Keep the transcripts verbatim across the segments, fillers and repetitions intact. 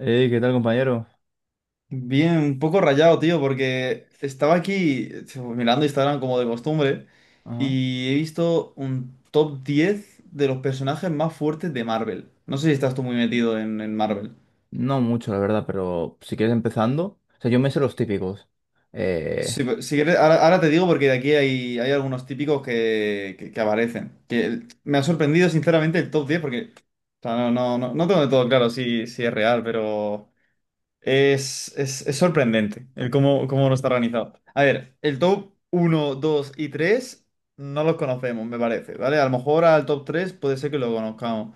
Hey, ¿qué tal, compañero? Bien, un poco rayado, tío, porque estaba aquí eh, mirando Instagram como de costumbre Ajá. y he visto un top diez de los personajes más fuertes de Marvel. No sé si estás tú muy metido en, en Marvel. No mucho, la verdad, pero si quieres empezando. O sea, yo me sé los típicos. Eh, Si, si quieres, ahora, ahora te digo porque de aquí hay, hay algunos típicos que, que, que aparecen. Que el- me ha sorprendido sinceramente el top diez porque o sea, no, no, no, no tengo de todo claro si, si es real, pero... Es, es, es sorprendente el cómo, cómo no está organizado. A ver, el top uno dos y tres no los conocemos, me parece, ¿vale? A lo mejor al top tres puede ser que lo conozcamos,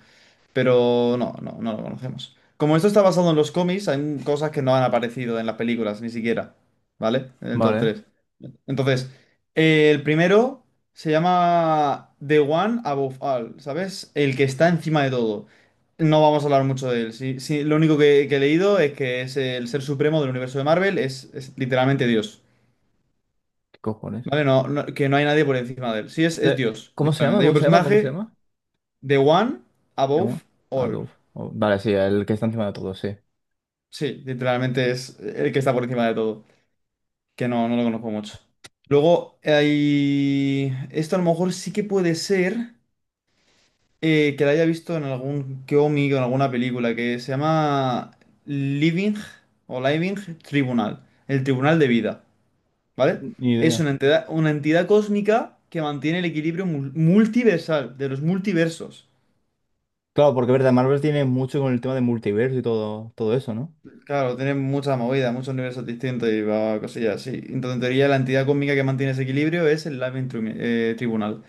pero no, no, no lo conocemos. Como esto está basado en los cómics, hay un- cosas que no han aparecido en las películas, ni siquiera, ¿vale? En el top vale, tres. Entonces, eh, el primero se llama The One Above All, ¿sabes? El que está encima de todo. No vamos a hablar mucho de él. Sí, sí, lo único que, que he leído es que es el ser supremo del universo de Marvel, es, es literalmente Dios. ¿qué cojones? ¿Vale? No, no- que no hay nadie por encima de él. Sí, es, es Te- Dios, ¿Cómo se llama? literalmente. Hay un ¿Cómo se llama? ¿Cómo se personaje, llama? The One Above ¿Cómo? All. Adobe. Oh, vale, sí, el que está encima de todo, sí. Sí, literalmente es el que está por encima de todo, que no, no lo conozco mucho. Luego, hay... esto a lo mejor sí que puede ser eh, que lo haya visto en algún cómic o en alguna película, que se llama Living o Living Tribunal, el Tribunal de Vida, ¿vale? Ni Es idea. una entidad, una entidad cósmica que mantiene el equilibrio mul- multiversal de los multiversos. Claro, porque verdad, Marvel tiene mucho con el tema de multiverso y todo, todo eso, ¿no? Claro, tiene mucha movida, muchos universos distintos y va cosillas así. Entonces, en teoría, la entidad cósmica que mantiene ese equilibrio es el Living Trim- eh, Tribunal,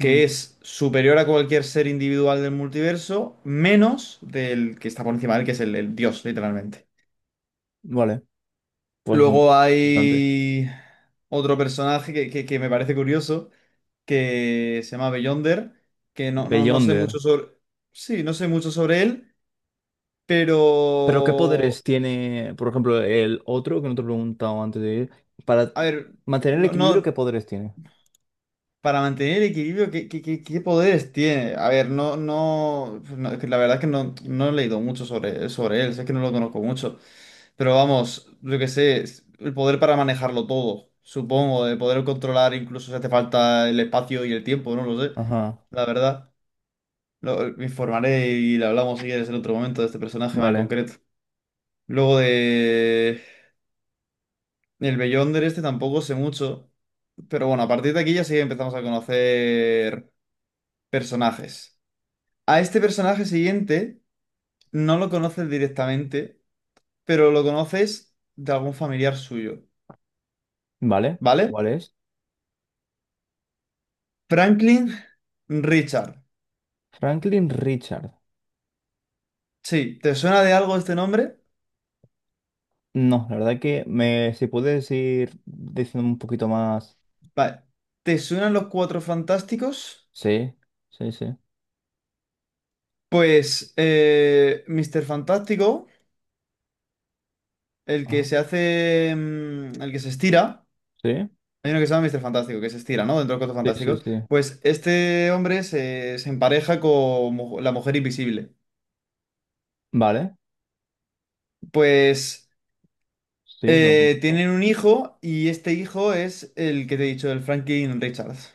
que Mm, es superior a cualquier ser individual del multiverso, menos del que está por encima de él, que es el, el dios, literalmente. vale, pues in- Luego interesante. hay otro personaje que, que- que me parece curioso, que se llama Beyonder, que no, no, no sé Beyonder. mucho sobre... Sí, no sé mucho sobre él, ¿Pero qué pero... poderes tiene, por ejemplo, el otro que no te he preguntado antes de ir? Para A ver... mantener el No, equilibrio, no- ¿qué poderes tiene? Para mantener el equilibrio, ¿qué, qué, qué- ¿qué poderes tiene? A ver, no, no, pues, no, es que la verdad es que no, no he leído mucho sobre, sobre él, sé que no lo conozco mucho, pero vamos, yo que sé, es el poder para manejarlo todo, supongo, de poder controlar incluso si hace falta el espacio y el tiempo, no lo sé, Ajá, la verdad. Lo- me informaré y le hablamos si quieres en otro momento de este personaje más en vale, concreto. Luego de... El Beyonder este tampoco sé mucho, pero bueno, a partir de aquí ya sí empezamos a conocer personajes. A este personaje siguiente no lo conoces directamente, pero lo conoces de algún familiar suyo, vale. ¿vale? ¿Cuál es? Franklin Richard. Franklin Richard. Sí, ¿te suena de algo este nombre? No, la verdad que me, si puedes ir diciendo un poquito más. Vale. ¿Te suenan los Cuatro Fantásticos? Sí, sí, sí. Pues eh, míster Fantástico, el que Ajá, se hace, mm, el que se estira, sí, hay uno que se llama míster Fantástico, que se estira, ¿no? Dentro de los Cuatro sí, sí, Fantásticos. sí. Pues este hombre se, se empareja con mu- la mujer invisible. Vale, Pues... sí, lo Eh, conozco. tienen un hijo y este hijo es el que te he dicho, el Franklin Richards.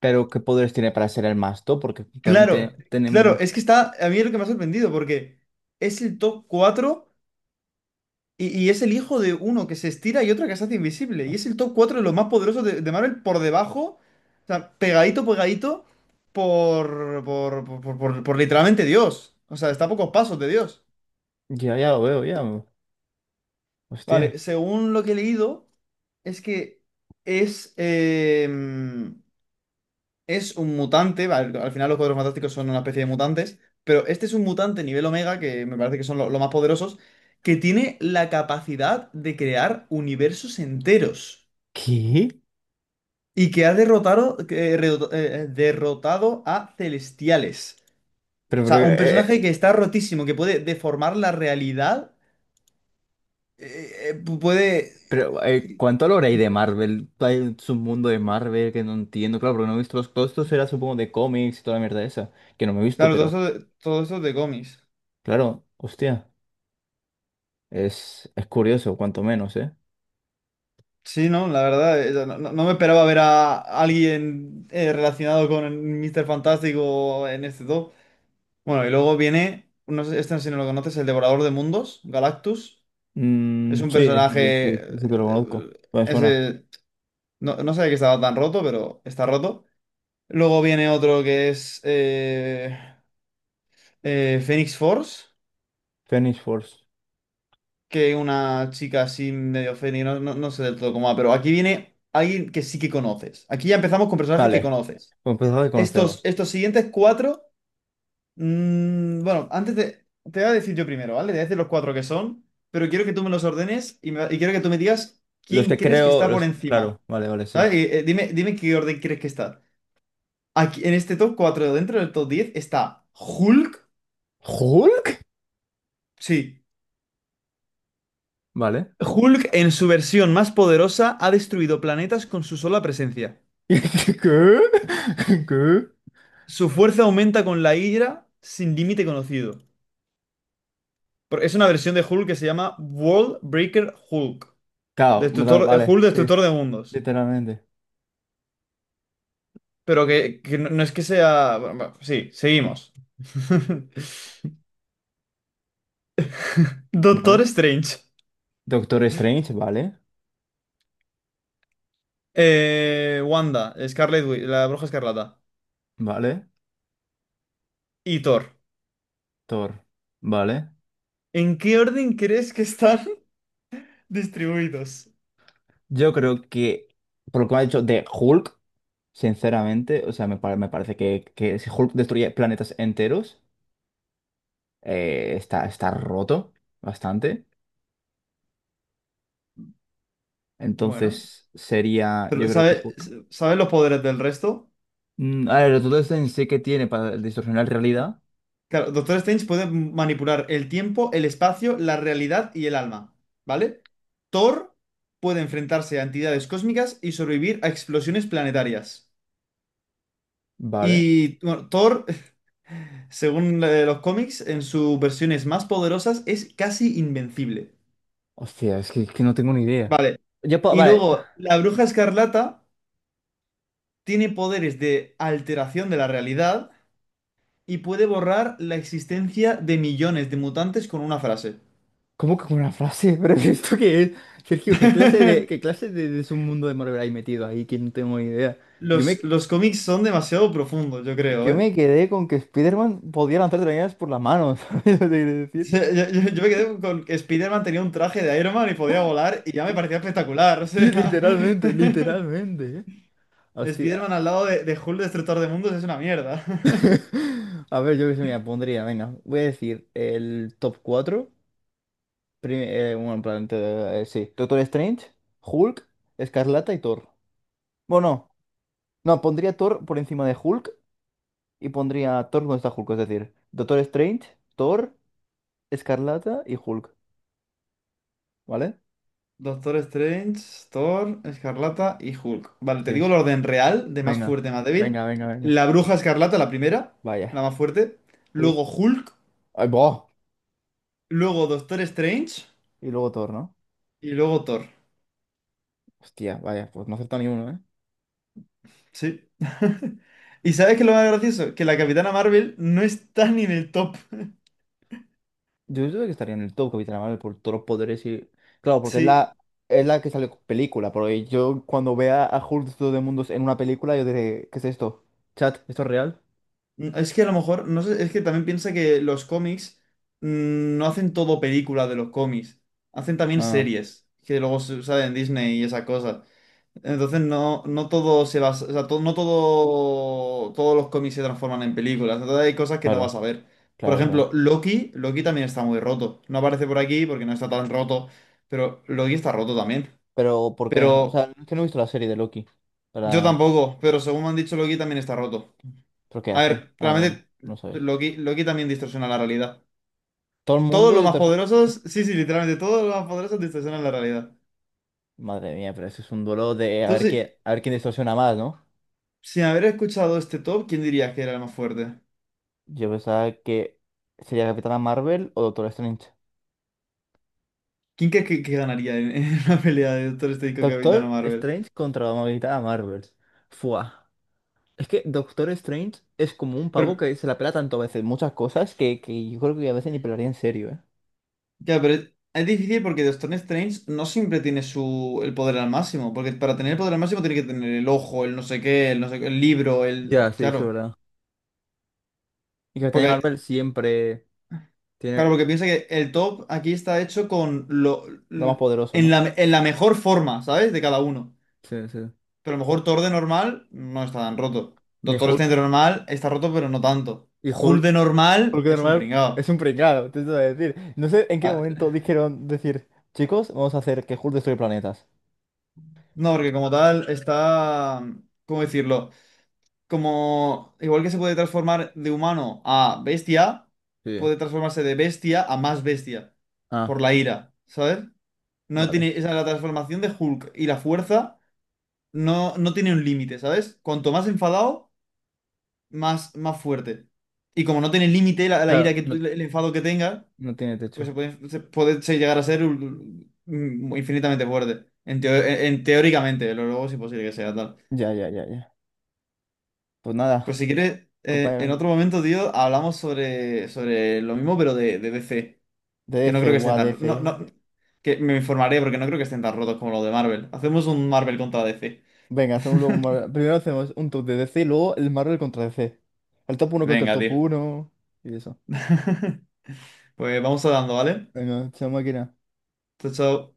Pero, ¿qué poderes tiene para ser el masto? Porque también te- Claro, claro, tenemos. es que está, a mí es lo que me ha sorprendido porque es el top cuatro y, y es el hijo de uno que se estira y otro que se hace invisible. Y es el top cuatro de los más poderosos de, de Marvel por debajo, o sea, pegadito, pegadito por, por, por, por, por- por literalmente Dios. O sea, está a pocos pasos de Dios. Ya, ya lo veo, ya. Hostia. Vale, según lo que he leído, es que es... em, es un mutante, al, al final los Cuatro Fantásticos son una especie de mutantes, pero este es un mutante nivel Omega, que me parece que son lo- los más poderosos, que tiene la capacidad de crear universos enteros ¿Qué? y que ha derrotado, que, eh, redo- eh, eh, derrotado a Celestiales. Pero, O pero, sea, un eh, personaje eh, que está rotísimo, que puede deformar la realidad, eh, eh, puede... Pero, eh, ¿cuánto hablará ahí de Marvel? Hay un mundo de Marvel que no entiendo, claro, porque no he visto los todos esto será supongo de cómics y toda la mierda esa, que no me he visto, Claro, todo pero esto, de- todo esto de cómics. claro, hostia, es, es curioso, cuanto menos, ¿eh? Sí, no, la verdad, eh, no, no- no me esperaba ver a alguien eh, relacionado con míster Fantástico en este top. Bueno, y luego viene, no sé, este si no lo conoces, el Devorador de Mundos, Galactus. Es Mm, un sí, es que, personaje, sí, ese que lo conozco, eh, me suena. ese, no, no sabía que estaba tan roto, pero está roto. Luego viene otro que es eh, eh, Phoenix Force, Phoenix Force. que una chica así medio Phoenix, no, no no sé del todo cómo va, pero aquí viene alguien que sí que conoces. Aquí ya empezamos con personajes que Vale, conoces. pues empezamos que Estos, conocemos. estos siguientes cuatro, mm, bueno, antes de- te voy a decir yo primero, ¿vale? Te voy a decir los cuatro que son, pero quiero que tú me los ordenes y, me- y quiero que tú me digas Los quién que crees que creo, está por los, encima, claro, vale, vale, sí. ¿sabes? Y, eh, dime, dime qué orden crees que está. Aquí, en este top cuatro dentro del top diez está Hulk. ¿Hulk? Sí, Vale. Hulk en su versión más poderosa ha destruido planetas con su sola presencia. ¿Qué? ¿Qué? Su fuerza aumenta con la Hydra sin límite conocido. Por- Es una versión de Hulk que se llama World Breaker Hulk. Claro, Destructor, eh, vale, Hulk, sí, destructor de mundos. literalmente. Pero que, que no, no es que sea. Bueno, bueno, sí, seguimos. Vale. Doctor Strange. Doctor Strange, vale, Eh, Wanda, Scarlet Witch, la Bruja Escarlata. vale. Y Thor. Thor, vale. ¿En qué orden crees que están distribuidos? Yo creo que, por lo que me ha dicho de Hulk, sinceramente, o sea, me, pare- me parece que, que si Hulk destruye planetas enteros, eh, está, está roto bastante. Bueno, Entonces sería, yo pero creo que ¿sabe- Hulk. ¿sabes los poderes del resto? Mm, a ver, Doctor Strange sí que tiene para distorsionar realidad, Claro, Doctor Strange puede manipular el tiempo, el espacio, la realidad y el alma, ¿vale? Thor puede enfrentarse a entidades cósmicas y sobrevivir a explosiones planetarias. vale. Y bueno, Thor, según eh, los cómics, en sus versiones más poderosas es casi invencible. Hostia, es que, que no tengo ni idea. Vale. Yo puedo, Y vale. luego, la Bruja Escarlata tiene poderes de alteración de la realidad y puede borrar la existencia de millones de mutantes con una frase. ¿Cómo que con una frase? ¿Pero esto qué es? Sergio, ¿qué clase de, qué clase de, de submundo de Marvel hay metido ahí? Que no tengo ni idea. Yo me, Los, los cómics son demasiado profundos, yo creo, yo ¿eh? me quedé con que Spider-Man podía lanzar telarañas por las manos, ¿sabes lo que quiero decir? Yo, yo- yo- yo me quedé con que Spider-Man tenía un traje de Iron Man y podía volar y ya me parecía espectacular, o Sí, sea. literalmente, literalmente, ¿eh? Hostia. Spider-Man al lado de, de Hulk Destructor de Mundos es una mierda. A ver, yo qué se me pondría, venga, voy a decir el top cuatro. Prim- eh, bueno, en plan, te- eh, sí. Doctor Strange, Hulk, Escarlata y Thor. Bueno, no, pondría Thor por encima de Hulk. Y pondría a Thor donde está Hulk, es decir, Doctor Strange, Thor, Escarlata y Hulk, ¿vale? Doctor Strange, Thor, Escarlata y Hulk. Vale, te Sí. digo el orden real, de más Venga, fuerte a más venga, débil. venga, venga. La Bruja Escarlata, la primera, la Vaya. más fuerte. ¿Sí? Luego Hulk, ¡Ay, boh! luego Doctor Strange Y luego Thor, ¿no? y luego Thor. Hostia, vaya, pues no acepta ni uno, ¿eh? Sí. ¿Y sabes qué es lo más gracioso? Que la Capitana Marvel no está ni en el top. Yo creo que estaría en el top Capitana Marvel por todos los poderes y... Claro, porque es Sí. la, es la que sale con película, pero yo cuando vea a Hulk de todo el mundo en una película, yo diré, ¿qué es esto? ¿Chat? ¿Esto es real? Mm, es que a lo mejor, no sé, es que también piensa que los cómics mm, no hacen todo película de los cómics, hacen también Ah, series, que luego se- salen en Disney y esa cosa. Entonces no, no todo se basa, o sea, to- no todo, todos los cómics se transforman en películas, entonces hay cosas que no claro, vas a ver. Por claro, ejemplo, claro. Loki, Loki también está muy roto. No aparece por aquí porque no está tan roto, pero Loki está roto también. Pero, ¿por qué? O Pero sea, es que no he visto la serie de Loki yo para... tampoco, pero según me han dicho, Loki también está roto. ¿Pero qué A hace? ver, Ah, bueno, realmente no sabes. Loki, Loki también distorsiona la realidad. Todo el Todos mundo los más distorsiona. poderosos, sí, sí, literalmente todos los más poderosos distorsionan la realidad. Madre mía, pero ese es un duelo de a ver Entonces, qué, a ver quién distorsiona más, ¿no? sin haber escuchado este top, ¿quién dirías que era el más fuerte? Yo pensaba que sería Capitana Marvel o Doctor Strange. ¿Quién crees que, que ganaría en, en una pelea de Doctor Strange con Capitana Doctor Marvel? Strange contra la Capitana Marvel. Fua. Es que Doctor Strange es como un Pero, pavo que se la pela tanto a veces muchas cosas que, que yo creo que a veces ni pelaría en serio, ¿eh? ya, pero es, es difícil porque Doctor Strange no siempre tiene su, el poder al máximo, porque para tener el poder al máximo tiene que tener el ojo, el no sé qué, el no sé qué, el libro, el... Ya, sí, eso Claro, es verdad. Y Capitana porque Marvel siempre Claro, tiene porque piensa que el top aquí está hecho con lo lo más l- poderoso, en ¿no? la, en la mejor forma, ¿sabes? De cada uno. Sí, sí. Pero a lo mejor Thor de normal no está tan roto. Ni Doctor Hulk, Strange de normal está roto, pero no tanto. y Hulk Hulk, de normal porque de es un normal pringao. es un pringado, te voy a decir. No sé en qué Ah, momento dijeron decir, chicos, vamos a hacer que Hulk destruye planetas. no, porque como tal está. ¿Cómo decirlo? Como. Igual que se puede transformar de humano a bestia, Sí. puede transformarse de bestia a más bestia. Ah, Por la ira, ¿sabes? No vale. tiene. Esa es la transformación de Hulk y la fuerza. No, no tiene un límite, ¿sabes? Cuanto más enfadado, más, más fuerte. Y como no tiene límite la, la Claro, ira que tú- no, el enfado que tenga, no tiene pues techo. se puede, se puede se- llegar a ser un- un- infinitamente fuerte. En, teo- e, en- Teóricamente, pero luego es imposible que sea tal. Ya, ya, ya, ya. Pues Pues nada, si quieres, eh, en compañeros, otro momento, tío, hablamos sobre, sobre lo mismo, pero de, de D C. Que no D C, creo que o estén tan. D C. No, no, que me informaré porque no creo que estén tan rotos como los de Marvel. Hacemos un Marvel contra D C. Venga, hacemos luego un Marvel- Primero hacemos un top de D C y luego el Marvel contra D C. El top uno contra el Venga, top tío. uno y eso. Pues vamos hablando, ¿vale? Venga, chao máquina. So